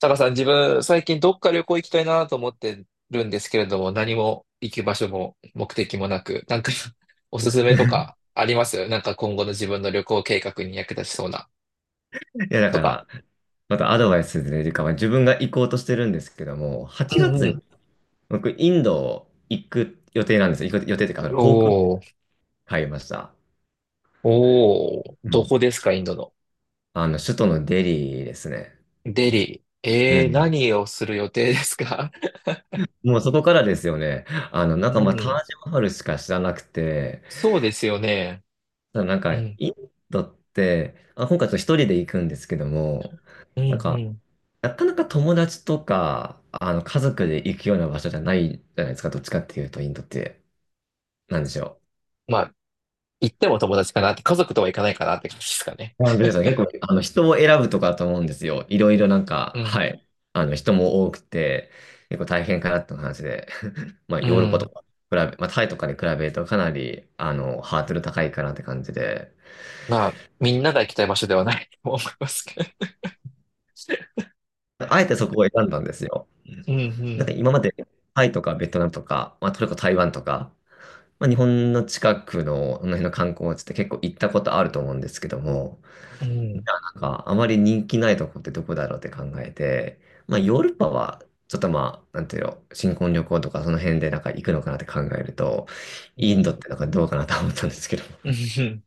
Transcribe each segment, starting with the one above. タカさん、自分、最近どっか旅行行きたいなと思ってるんですけれども、何も行く場所も目的もなく、なんか おすすめとかありますなんか今後の自分の旅行計画に役立ちそうないや、だかとか。ら、またアドバイスというか、まあ、自分が行こうとしてるんですけども、8うんう月にん。僕、インド行く予定なんですよ。行く予定というか、あの航空券おー、買いました。おー、うどん。こですか、インドの。首都のデリーですね。デリー。うえー、ん。何をする予定ですか？ もうそこからですよね。なんうかまあ、タん。ージマハルしか知らなくて、そうですよね。ただなんか、うん、インドって、あ、今回ちょっと一人で行くんですけども、うん、なんうか、ん。なかなか友達とか、家族で行くような場所じゃないじゃないですか、どっちかっていうと、インドって。なんでしょう。まあ、行っても友達かなって、家族とは行かないかなって感じですかね。なので、そう結構、人を選ぶとかだと思うんですよ。いろいろなんか、うん、はい。人も多くて、結構大変かなって話で、まあ、うヨーロッパとん。か、まあ、タイとかに比べるとかなり、ハードル高いかなって感じで、まあ、みんなが行きたい場所ではない と思いますけど。あえてそこを選んだんですよ。うんうなんかん。今まで、タイとかベトナムとか、まあ、トルコ、台湾とか、まあ、日本の近くの、この辺の観光地って結構行ったことあると思うんですけども、うなんんか、あまり人気ないとこってどこだろうって考えて、まあ、ヨーロッパは、ちょっとまあ、なんていうの、新婚旅行とかその辺でなんか行くのかなって考えると、うインドっんてなんかどうかなと思ったんですけど。うん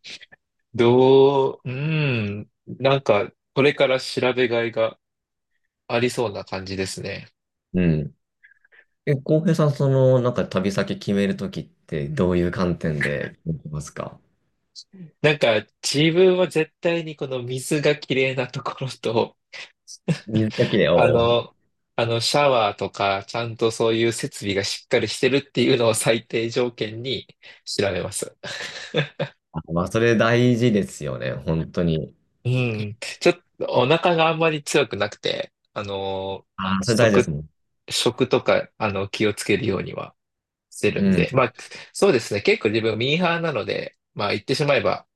どう、うん。なんか、これから調べがいがありそうな感じですね。うん。え、浩平さん、なんか旅先決めるときってどういう観点で決めてますか？なんか、自分は絶対にこの水がきれいなところと、水だけで、あおう。の、あの、シャワーとか、ちゃんとそういう設備がしっかりしてるっていうのを最低条件に調べます。あ、まあ、それ大事ですよね、本当に。うん。ちょっとお腹があんまり強くなくて、あ、それ大事ですもん。食とか、あの、気をつけるようにはしてうるんで、まん。あ、そうですね。結構自分ミーハーなので、まあ、言ってしまえば、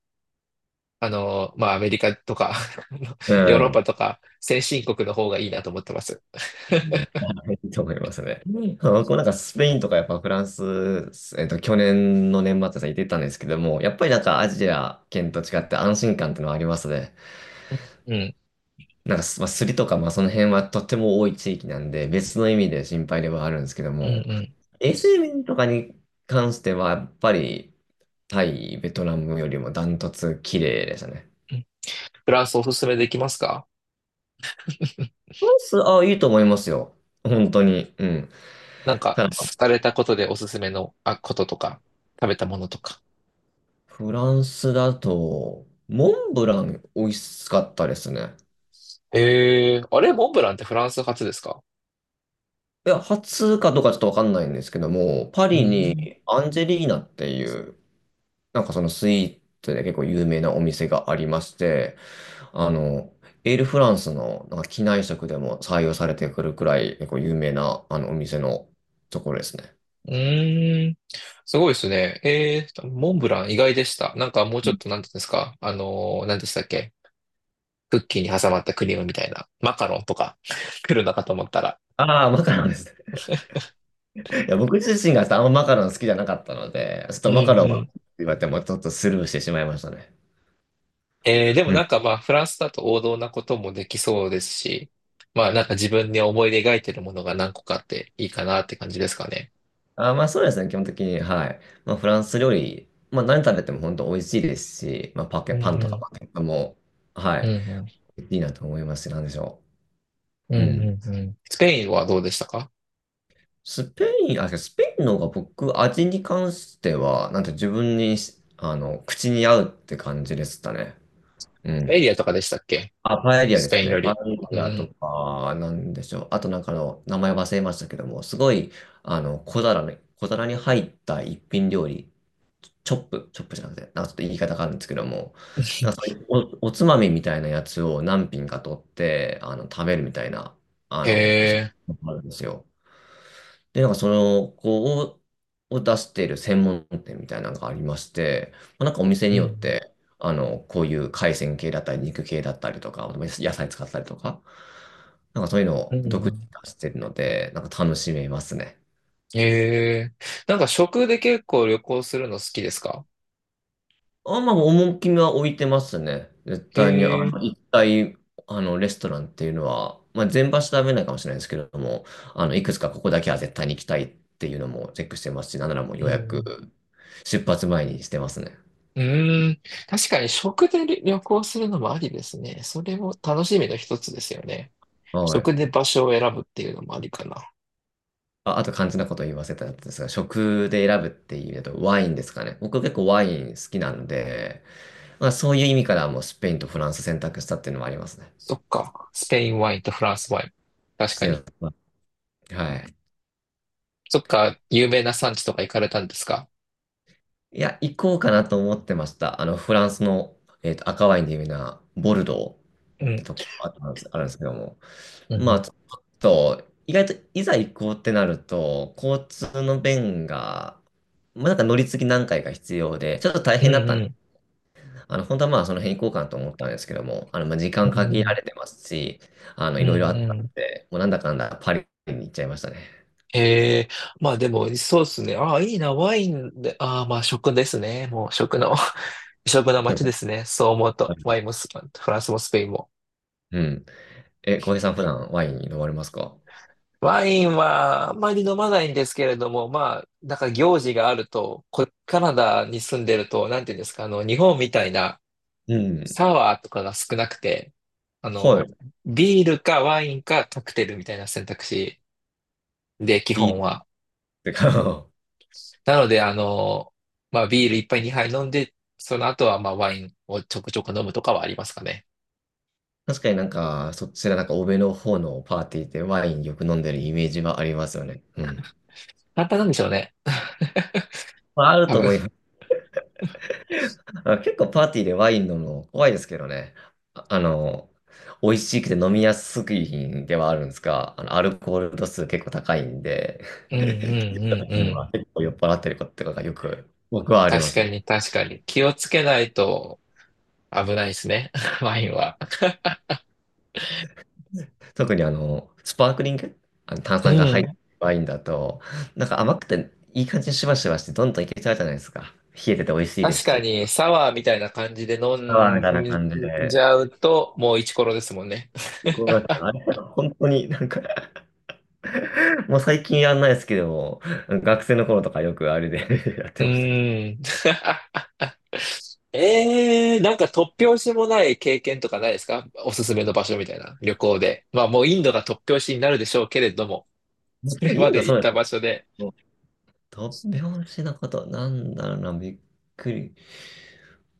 まあ、アメリカとか あのうヨーロッパん。とか、先進国の方がいいなと思ってます。はいいいと思いますね。うんあ僕もなんかスペインとかやっぱフランス、去年の年末さ、行ってたんですけども、やっぱりなんかアジア圏と違って安心感ってのはありますね。うん、なんかす、まあ、スリとか、まあその辺はとっても多い地域なんで、別の意味で心配ではあるんですけどうん、も、うん。衛生面とかに関しては、やっぱりタイ、ベトナムよりもダントツ綺麗でしたね。うんフランスおすすめできますか？ フランス、あ、いいと思いますよ。本当に。うん。なんか、されたことでおすすめの、あ、こととか、食べたものとか。フランスだと、モンブラン美味しかったですね。えー、あれ、モンブランってフランス発ですか？いや、初かどうかちょっとわかんないんですけども、パうリん。にアンジェリーナっていう、なんかそのスイーツで結構有名なお店がありまして、あの、エールフランスのなんか機内食でも採用されてくるくらい結構有名なあのお店のところですね。うーん。すごいですね。えー、モンブラン意外でした。なんかもうちょっと、なんていうんですか。なんでしたっけ。クッキーに挟まったクリームみたいな。マカロンとか 来るのかと思ったら。ああ、マカロンですね。いや、僕自身があんまマカロン好きじゃなかったので、ちょっうとんマカロンはうん。言われてもちょっとスルーしてしまいましたね。えー、でもなんかまあ、フランスだと王道なこともできそうですし、まあなんか自分に思い描いてるものが何個かあっていいかなって感じですかね。あ、まあそうですね、基本的に。はい。まあフランス料理、まあ何食べても本当美味しいですし、まあうんパンとかうパケットも、はん。い、うんうん。いいなと思いますし、なんでしょうんう。ううん。んうん。スペインはどうでしたか？スペイン、あ、スペインの方が僕、味に関しては、なんて自分にし、あの、口に合うって感じでしたね。うエん。リアとかでしたっけ？あ、パエリアスでペすインね。よパエり。うリアとん。か、なんでしょう。あとなんかの、名前忘れましたけども、すごい、小皿に入った一品料理。チョップ、チョップじゃなくて、なんかちょっと言い方があるんですけども、なんかそ ういうおつまみみたいなやつを何品か取って、食べるみたいな、そへういうのがあるんですよ。で、なんかその、こう、をを出している専門店みたいなのがありまして、まあ、なんかお店うによっん。て、こういう海鮮系だったり、肉系だったりとか、野菜使ったりとか、なんかそういうのうを独自にん。出してるので、なんか楽しめますね。ええ。なんか食で結構旅行するの好きですか？あ、まあ、趣が置いてますね。絶対に、あええ。の、一体、あの、レストランっていうのは、まあ、全場所食べないかもしれないですけれども、いくつかここだけは絶対に行きたいっていうのもチェックしてますし、なんならもうう予約、ん。出発前にしてますね。うーん。確かに食で旅旅行するのもありですね。それも楽しみの一つですよね。はい。食で場所を選ぶっていうのもありかな。あ、あと肝心なこと言わせたやつですが、食で選ぶっていうと、ワインですかね。僕結構ワイン好きなので、まあ、そういう意味からもうスペインとフランス選択したっていうのもありますね。そっか。スペインワインとフランスワイン。確かすいに。ませんはい。そっか。有名な産地とか行かれたんですか？いや、行こうかなと思ってました。フランスの、赤ワインで有名なボルドーっうてん。とこがあったんです、あるんですけども。うんまうあ、ん。ちょっと、意外といざ行こうってなると、交通の便が、まあ、なんか乗り継ぎ何回か必要で、ちょっと大うん変だったんうで、ん。本当はまあ、その辺行こうかなと思ったんですけども、まあ、時間うん限うらんれてますし、ういろいろあんっうたんん。で、もうなんだかんだパリに行っちゃいましたね。ええ、まあでも、そうですね。ああ、いいな、ワインで、ああ、まあ食ですね。もう食の、食の街です ね。そう思うと、ワインもスフランスもスペインも。うん。え、浩平さん、普段ワイン飲まれますか？ワインはあんまり飲まないんですけれども、まあ、なんか行事があると、こ、カナダに住んでると、なんていうんですか、あの、日本みたいなうん。サワーとかが少なくて、あはの、い。ビールかワインかカクテルみたいな選択肢で、基ビー本ル は。てか、なので、あの、まあ、ビール一杯二杯飲んで、その後は、まあ、ワインをちょくちょく飲むとかはありますかね。確かになんか、そちらなんか欧米の方のパーティーでワインよく飲んでるイメージはありますよね。うん。簡単なんでしょうね。まあ、ある多と分。思います。あ結構パーティーでワイン飲むの怖いですけどね。あ、美味しくて飲みやすい品ではあるんですが、アルコール度数結構高いんで、うんうんうん うん。今結構酔っ払ってることとかがよく僕はありま確すかよ。に確かに。気をつけないと危ないですね。ワインは。特にスパークリング、炭う酸が入ったん。ワインだと、なんか甘くていい感じにしばしばしてどんどんいけちゃうじゃないですか。冷えてて美味しいで確すかし。に、サワーみたいな感じで飲あーみたいなん感じじで。ゃうと、もうイチコロですもんね。こうなんか、あれ、本当になんか もう最近やんないですけども、学生の頃とかよくあれで やっうてましたね。ーん。ええなんか突拍子もない経験とかないですか？おすすめの場所みたいな旅行で。まあもうインドが突拍子になるでしょうけれども、もうそれ多んイまンドでそ行うっでたすね。場所で。突拍子なこと、なんだろうな、びっくり。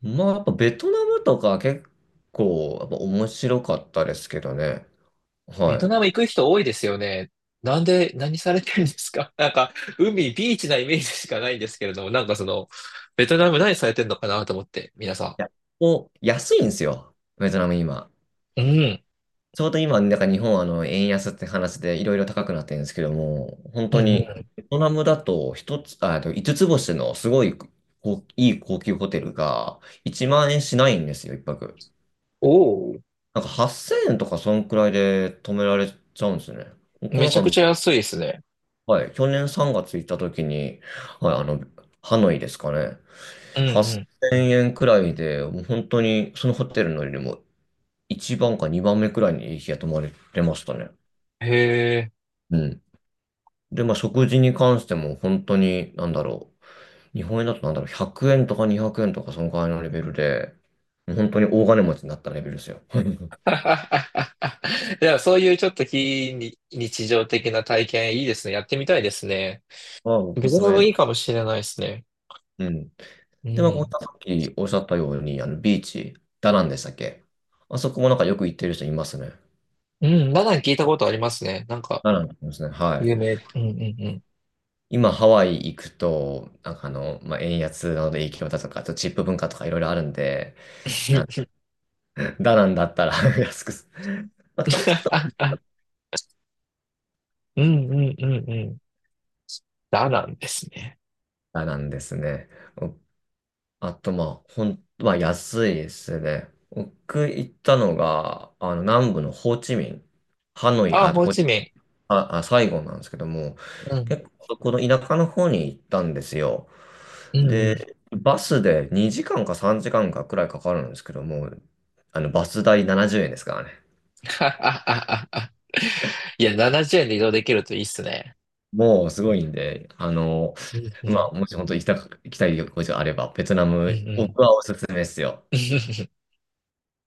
まあ、やっぱベトナムとか結構、やっぱ面白かったですけどね。ベトはナム行く人多いですよね。なんで、何されてるんですか？ なんか海、ビーチなイメージしかないんですけれども、なんかその、ベトナム何されてるのかなと思って、皆さい。お、安いんですよ。ベトナム今。ん。うん。ちょうど今、なんか日本は円安って話でいろいろ高くなってるんですけども、本う当んうにん。ベトナムだと一つ、あ、えっと5つつ星のすごいこいい高級ホテルが1万円しないんですよ、一泊。おお、なんか8000円とかそんくらいで泊められちゃうんですね。僕めなんちか、ゃくちゃ安いですね。はい、去年3月行った時に、はい、ハノイですかね。うん8000う円くらいで、もう本当にそのホテルのよりも1番か2番目くらいにいい日が泊まれてましたね。ん。へえ。うん。で、まあ、食事に関しても本当に、なんだろう。日本円だとなんだろう、100円とか200円とかそのくらいのレベルで、もう本当に大金持ちになったレベルですよ。いや、そういうちょっと非日日常的な体験いいですね。やってみたいですね。まあ、おすベトすナめでムす。いいかもしれないですね。うん。うで、まあ、こうん。さっきおっしゃったように、ビーチ、ダナンでしたっけ？あそこもなんかよく行ってる人いますね。うん、ダナン聞いたことありますね。なんか、ダナンですね。はい。有名。うんうんうん。今、ハワイ行くと、なんかまあ、円安なので影響だとか、あとチップ文化とかいろいろあるんで、あダナンだったら 安くす、まあ、楽しいと思 ったうんうんうんうん。ダナンですね。らダナンですね。あと、まあ、まあ、安いですね。僕行ったのが、南部のホーチミン、ハノイ、あ、あ、ホーホ、チミン。あ、あ、サイゴンなんですけども、うん。結構、この田舎の方に行ったんですよ。うんうん。で、バスで2時間か3時間かんかくらいかかるんですけども、バス代70円ですからね。いや、70円で移動できるといいっすね。もうすごいんで、うんうまん。あ、もし本当行きたい旅行地があれば、ベトナうんうム、ん。僕はおすすめですよ。